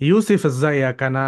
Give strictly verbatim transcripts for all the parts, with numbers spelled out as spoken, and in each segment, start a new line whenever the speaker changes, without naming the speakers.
يوسف، ازيك؟ انا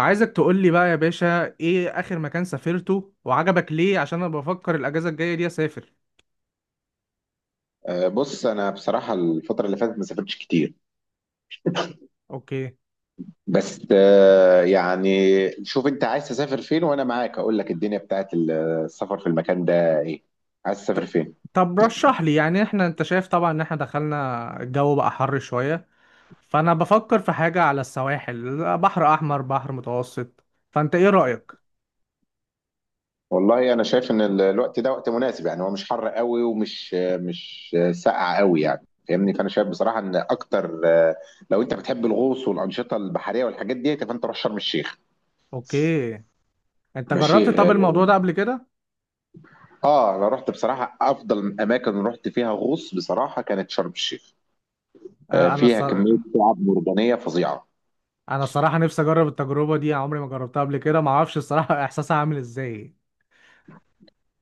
عايزك تقول لي بقى يا باشا ايه اخر مكان سافرته وعجبك ليه؟ عشان انا بفكر الاجازه الجايه دي اسافر.
أه، بص انا بصراحه الفتره اللي فاتت ما سافرتش كتير.
اوكي.
بس أه، يعني شوف انت عايز تسافر فين وانا معاك اقول لك الدنيا بتاعت ال- السفر في المكان ده ايه؟ عايز
ط-
تسافر فين؟
طب رشح لي، يعني احنا انت شايف طبعا ان احنا دخلنا الجو بقى حر شويه، فانا بفكر في حاجه على السواحل، بحر احمر بحر متوسط، فانت ايه رايك؟
والله انا شايف ان ال- الوقت ده وقت مناسب، يعني هو مش حر قوي ومش مش ساقع قوي، يعني فاهمني. فانا شايف بصراحه ان اكتر أه، لو انت بتحب الغوص والانشطه البحريه والحاجات دي فانت روح شرم الشيخ.
اوكي، انت
ماشي
جربت طب
اه.
الموضوع ده قبل كده؟
آه، انا رحت بصراحه افضل اماكن رحت فيها غوص بصراحه كانت شرم الشيخ. آه،
آه، انا
فيها
الصرا-
كمية شعاب مرجانية فظيعة.
انا الصراحه نفسي اجرب التجربه دي، عمري ما جربتها قبل كده، ما اعرفش الصراحه احساسها عامل ازاي.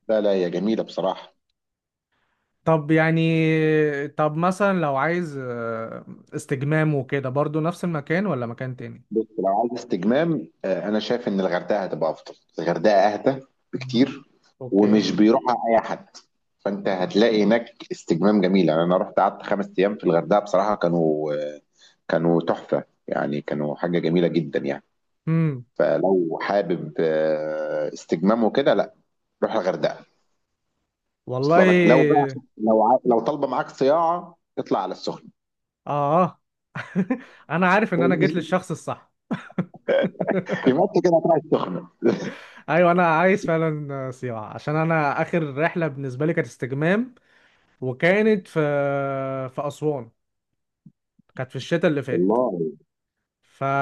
لا لا، هي جميلة بصراحة.
طب يعني طب مثلا لو عايز آه، استجمام وكده، برضو نفس المكان ولا مكان تاني؟
بص لو عايز استجمام، آه، أنا شايف إن الغردقة هتبقى أفضل، الغردقة أهدى
مم.
بكتير.
اوكي.
ومش بيروحها أي حد، فأنت هتلاقي هناك استجمام جميل. يعني أنا رحت قعدت خمس أيام في الغردقة بصراحة، كانوا آه، كانوا تحفة، يعني كانوا حاجة جميلة جدا يعني.
امم.
فلو حابب آه، استجمام وكده لا، روح الغردقة. وصل لك. لو بقى،
والله.
لو ع- لو طالبة معاك صياعة اطلع على السخنة.
اه. انا عارف ان انا جيت للشخص الصح.
في مصر كده طلعت سخنه.
ايوه، انا عايز فعلا سيوة، عشان انا اخر رحله بالنسبه لي كانت استجمام، وكانت في في اسوان، كانت في الشتاء اللي فات.
والله.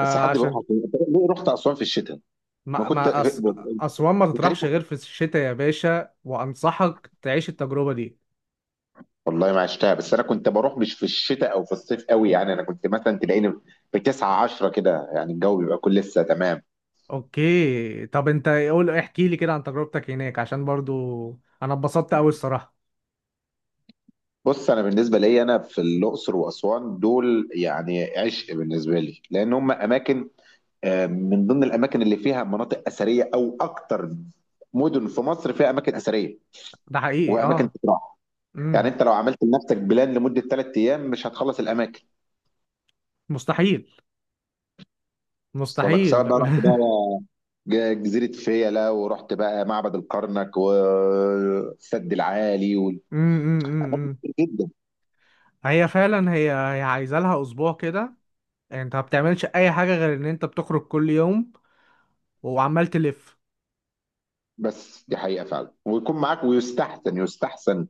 بس حد بيروح اسوان؟ أنت ليه رحت اسوان في الشتاء؟ ما
ما
كنت
ما أس... اسوان ما
كريم،
تطرحش غير في الشتاء يا باشا، وانصحك تعيش التجربه دي.
والله ما عشتها. بس انا كنت بروح مش في الشتاء او في الصيف قوي، يعني انا كنت مثلا تلاقيني في تسعة عشرة كده، يعني الجو بيبقى كل لسه تمام.
اوكي، طب انت قول احكي لي كده عن تجربتك هناك، عشان برضو انا اتبسطت قوي الصراحه.
بص انا بالنسبه لي انا في الاقصر واسوان دول يعني عشق بالنسبه لي، لان هم اماكن آه، من ضمن الاماكن اللي فيها مناطق اثريه، او اكتر مدن في مصر فيها اماكن اثريه
ده حقيقي،
واماكن
اه.
تتراح. يعني
امم.
انت لو عملت لنفسك بلان لمده ثلاث ايام مش هتخلص الاماكن.
مستحيل،
وصل لك،
مستحيل.
سواء بقى رحت
امم.
بقى ج- جزيره فيلا ورحت بقى معبد الكرنك والسد العالي و...
امم. أمم.
جدا.
هي فعلا، هي هي عايزه لها اسبوع كده، انت ما بتعملش اي حاجه غير ان انت بتخرج كل يوم وعمال تلف.
بس دي حقيقه فعلا، ويكون معاك ويستحسن يستحسن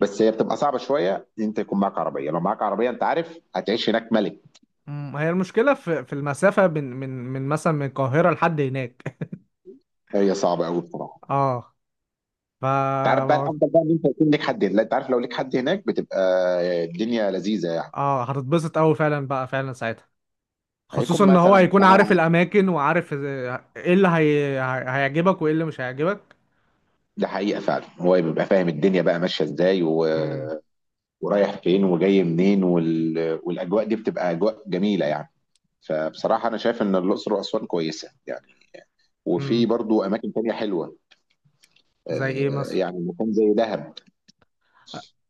بس هي بتبقى صعبه شويه ان انت يكون معاك عربيه، لو معاك عربيه انت عارف هتعيش هناك ملك.
أمم، هي المشكله في في المسافه من من من مثلا من القاهره لحد هناك.
هي صعبه قوي بصراحه.
اه. ف
انت عارف بقى الافضل بقى ان انت يكون ليك حد هناك. لا انت عارف لو ليك حد هناك بتبقى الدنيا لذيذه يعني.
اه هتتبسط قوي فعلا بقى فعلا ساعتها،
هيكون
خصوصا ان هو
مثلا
هيكون عارف
معاه.
الاماكن وعارف إز- ايه اللي هي... هي- هيعجبك وايه اللي مش هيعجبك.
ده حقيقة فعلًا، هو بيبقى فاهم الدنيا بقى ماشية إزاي و
امم.
ورايح فين وجاي منين، وال والأجواء دي بتبقى أجواء جميلة يعني. فبصراحة أنا شايف إن الأقصر وأسوان كويسة يعني، وفي
امم.
برضه أماكن تانية حلوة.
زي ايه؟
آآ،
مصر
يعني مكان زي دهب.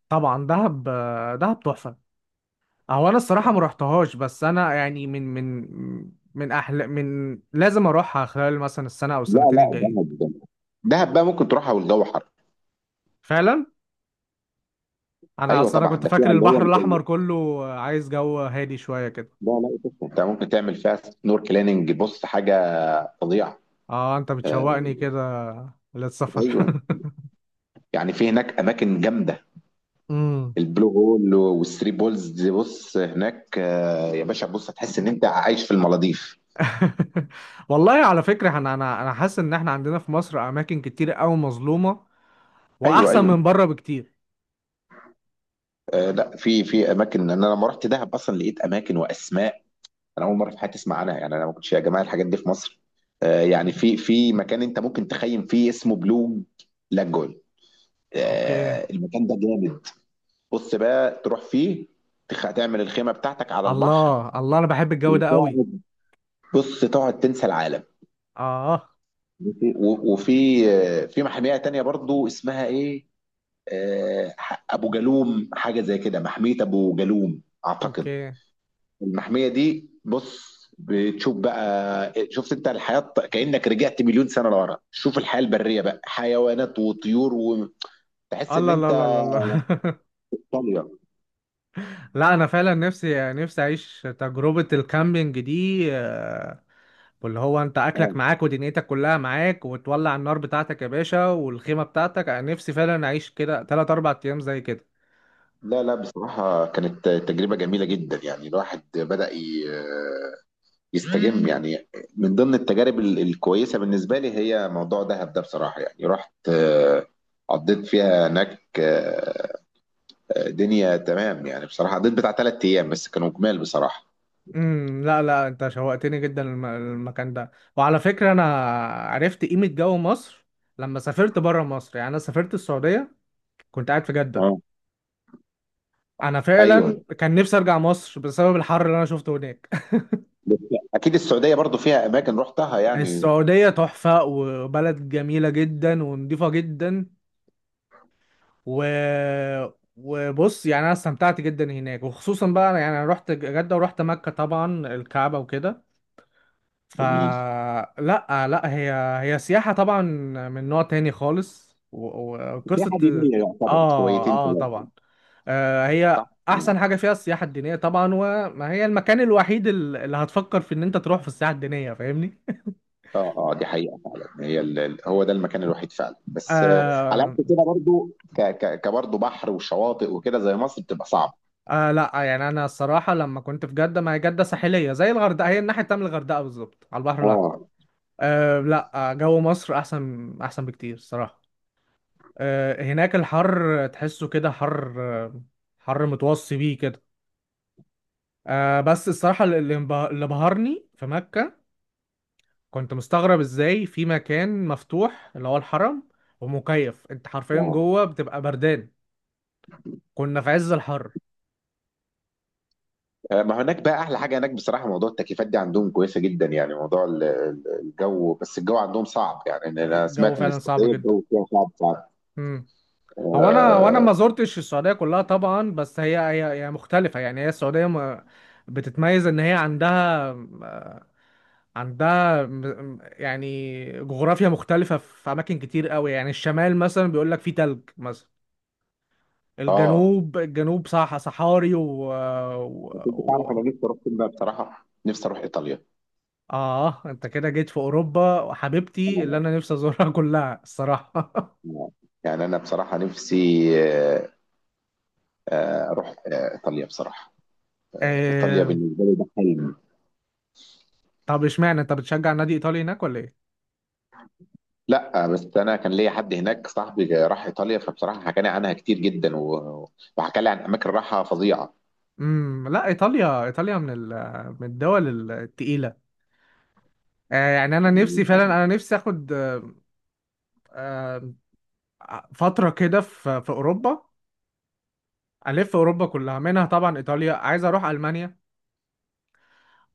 طبعا. دهب آه، دهب تحفه. هو انا الصراحه ما رحتهاش، بس انا يعني من من من احلى، من لازم اروحها خلال مثلا السنه او
لا،
السنتين
لأ
الجايين.
دهب دهب دهب بقى ممكن تروحها والجو حر.
فعلا. انا
أيوه
اصلا انا
طبعًا،
كنت
ده
فاكر
فيها اللي هو
البحر
ال ال
الاحمر كله، آه، عايز جو هادي شويه كده.
لا، لأ تسلم، أنت ممكن تعمل فيها snorkeling. بُص حاجة فظيعة.
اه، انت
آآ،
بتشوقني كده للسفر.
أيوه، يعني في هناك أماكن جامدة. البلو هول والثري بولز دي، بص هناك آه، يا باشا، بص هتحس ان انت عايش في المالديف.
والله، على فكرة، انا انا انا حاسس ان احنا عندنا في مصر اماكن كتير قوي مظلومة
ايوه
واحسن
ايوه.
من بره بكتير.
آه لا، في في اماكن انا لما رحت دهب اصلا لقيت اماكن واسماء انا اول مره في حياتي اسمع عنها، يعني انا ما كنتش يا جماعه الحاجات دي في مصر. آه، يعني في في مكان انت ممكن تخيم فيه اسمه بلو لاجون.
اوكي.
آه المكان ده جامد. بص بقى تروح فيه، تخ- تعمل الخيمه بتاعتك على البحر
الله الله، انا بحب الجو ده قوي.
وتقعد. بص تقعد تنسى العالم.
اه.
وفي وفي آه، في محميه تانية برضو اسمها ايه، آه، ابو جالوم حاجه زي كده، محميه ابو جالوم اعتقد.
اوكي.
المحميه دي بص بتشوف بقى، شفت انت الحياه كانك رجعت مليون سنه لورا؟ شوف الحياه البريه بقى، حيوانات وطيور، وتحس ان
الله، لا
انت
لا لا لا.
طاليه.
لا، انا فعلا نفسي نفسي اعيش تجربة الكامبينج دي، آه، واللي هو انت
آه.
اكلك معاك ودنيتك كلها معاك، وتولع النار بتاعتك يا باشا والخيمة بتاعتك، انا نفسي فعلا اعيش كده ثلاثة اربعة ايام زي كده.
لا لا بصراحه كانت تجربه جميله جدا، يعني الواحد بدا ي- آه، يستجم يعني. من ضمن التجارب ال- الكويسه بالنسبه لي هي موضوع دهب ده بصراحه، يعني رحت آه، قضيت فيها هناك آه، دنيا تمام يعني. بصراحة قضيت بتاع ثلاث أيام بس كانوا جمال بصراحة.
امم لا لا، انت شوقتني جدا الم- المكان ده. وعلى فكرة، انا عرفت قيمة جو مصر لما سافرت بره مصر، يعني انا سافرت السعودية، كنت قاعد في جدة،
اه.
انا فعلا
أيوه.
كان نفسي ارجع مصر بسبب الحر اللي انا شفته هناك.
بس أكيد السعودية برضو فيها أماكن رحتها يعني.
السعودية تحفة، وبلد جميلة جدا ونضيفة جدا و... وبص، يعني انا استمتعت جدا هناك، وخصوصا بقى يعني انا رحت جدة ورحت مكة طبعا، الكعبة وكده.
جميل.
فلا، لا لأ، هي هي سياحة طبعا من نوع تاني خالص، و- و- وقصة.
سياحة دينية يعتبر
اه
شويتين
اه،
ثلاثة.
طبعا. آه
صح؟
هي احسن حاجة فيها السياحة الدينية طبعا، وما هي المكان الوحيد ال- اللي هتفكر في ان انت تروح في السياحة الدينية، فاهمني؟
اه اه، دي حقيقة فعلا. هي ال... ال- هو ده المكان الوحيد فعلا، بس آه، على
آه
قد كده برضو ك... ك... كبرضو بحر وشواطئ وكده زي مصر بتبقى صعبة.
آه لا، يعني انا الصراحة لما كنت في جدة، ما هي جدة ساحلية زي الغردقة، هي الناحية التانية من الغردقة بالظبط على البحر الاحمر.
اه
آه لا، آه، جو مصر احسن احسن بكتير الصراحة. آه، هناك الحر تحسه كده، حر، حر متوصي بيه كده. آه، بس الصراحة اللي انبه- اللي بهرني في مكة، كنت مستغرب ازاي في مكان مفتوح اللي هو الحرم، ومكيف، انت حرفيا
اه.
جوه بتبقى بردان، كنا في عز الحر.
آه، ما هناك بقى احلى حاجه هناك بصراحه موضوع التكييفات دي عندهم كويسه جدا، يعني موضوع ال- ال- الجو. بس الجو عندهم صعب، يعني إن انا
الجو
سمعت ان
فعلا صعب
السعوديه
جدا.
الجو فيها صعب صعب.
امم. هو انا وانا
اه.
ما زرتش السعودية كلها طبعا، بس هي هي هي مختلفة، يعني هي السعودية ما- بتتميز ان هي عندها عندها م- م- يعني جغرافيا مختلفة في أماكن كتير قوي، يعني الشمال مثلا بيقول لك فيه تلج مثلا.
آه.
الجنوب، الجنوب، صح صحاري و... و...
بس انت تعرف
و...
انا نفسي اروح فين بقى بصراحه؟ نفسي اروح ايطاليا.
آه أنت كده جيت في أوروبا، وحبيبتي اللي
آه،
أنا نفسي أزورها. كلها الصراحة.
آه. يعني انا بصراحه نفسي آه، آه، اروح آه، ايطاليا بصراحه. ايطاليا
آه...
بالنسبه لي ده حلم.
طب إشمعنى أنت بتشجع نادي إيطالي هناك ولا إيه؟
لا بس انا كان ليا حد هناك صاحبي جا- راح ايطاليا، فبصراحه حكى لي عنها كتير جدا و- وحكى لي عن اماكن راحه فظيعه
امم لا، ايطاليا، ايطاليا من ال... من الدول التقيله. آه يعني انا نفسي
يعني.
فعلا، انا نفسي اخد آه، فتره كده في في اوروبا، ألف أوروبا كلها منها، طبعا إيطاليا، عايز أروح ألمانيا،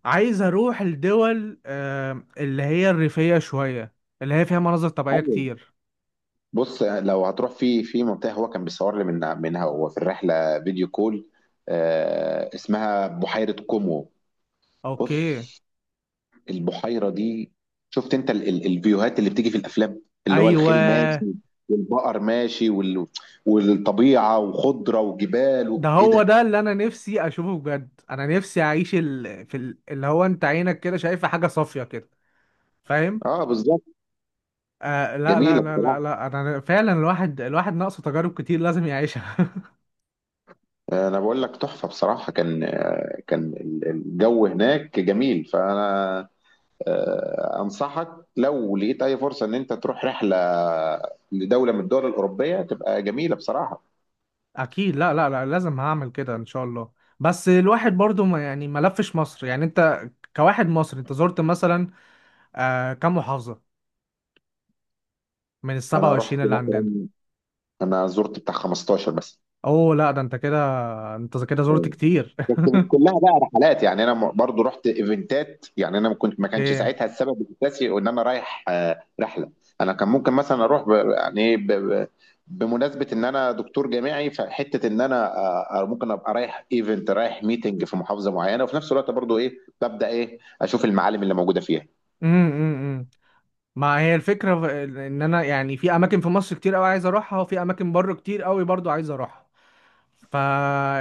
عايز أروح الدول آه، اللي هي الريفية شوية، اللي هي فيها مناظر طبيعية
أيوة.
كتير.
بص لو هتروح في في منطقه هو كان بيصور لي من منها وهو في الرحله فيديو كول، آه اسمها بحيره كومو.
أوكي.
بص البحيره دي، شفت انت ال ال الفيوهات اللي بتيجي في الافلام؟ اللي هو
أيوة،
الخيل ماشي والبقر ماشي وال والطبيعه وخضره وجبال و...
ده
ايه
هو
ده.
ده اللي أنا نفسي أشوفه بجد، أنا نفسي أعيش ال... في ال... اللي هو أنت عينك كده شايفة حاجة صافية كده، فاهم؟
اه بالظبط.
آه لا لا
جميله
لا لا
بصراحه.
لا، أنا فعلا الواحد الواحد ناقصه تجارب كتير لازم يعيشها.
انا بقول لك تحفه بصراحه. كان آه، كان ال- الجو هناك جميل. فانا آه، انصحك لو لقيت اي فرصه ان انت تروح رحله لدوله من الدول الاوروبيه تبقى جميله بصراحه.
اكيد، لا لا لا، لازم هعمل كده ان شاء الله. بس الواحد برضو، ما يعني ما لفش مصر، يعني انت كواحد مصري انت زرت مثلا آه كم محافظة من ال
انا رحت
سبعة وعشرين اللي عندنا؟
مثلا، انا زرت بتاع خمستاشر بس.
اوه لا، ده انت كده، انت كده زرت كتير.
بس مش كلها بقى رحلات، يعني انا م- برضو رحت ايفنتات. يعني انا ما كنت ما كانش
ايه.
ساعتها السبب الاساسي ان انا رايح آه، رحله. انا كان ممكن مثلا اروح ب... يعني إيه ب... ب- بمناسبه ان انا دكتور جامعي، فحته ان انا آه، آه، ممكن ابقى رايح ايفنت، رايح ميتنج في محافظه معينه وفي نفس الوقت برضو ايه، ببدا ايه اشوف المعالم اللي موجوده فيها.
امم. امم. ما هي الفكرة في- ان انا يعني في اماكن في مصر كتير قوي عايز اروحها، وفي اماكن بره كتير قوي برضو عايز اروحها، فا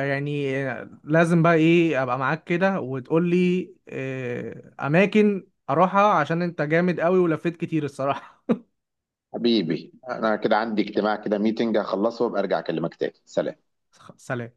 يعني لازم بقى ايه ابقى معاك كده، وتقول لي آه، اماكن اروحها عشان انت جامد قوي ولفيت كتير الصراحة.
حبيبي انا كده عندي اجتماع كده، ميتنج هخلصه وابقى ارجع اكلمك تاني. سلام.
سلام.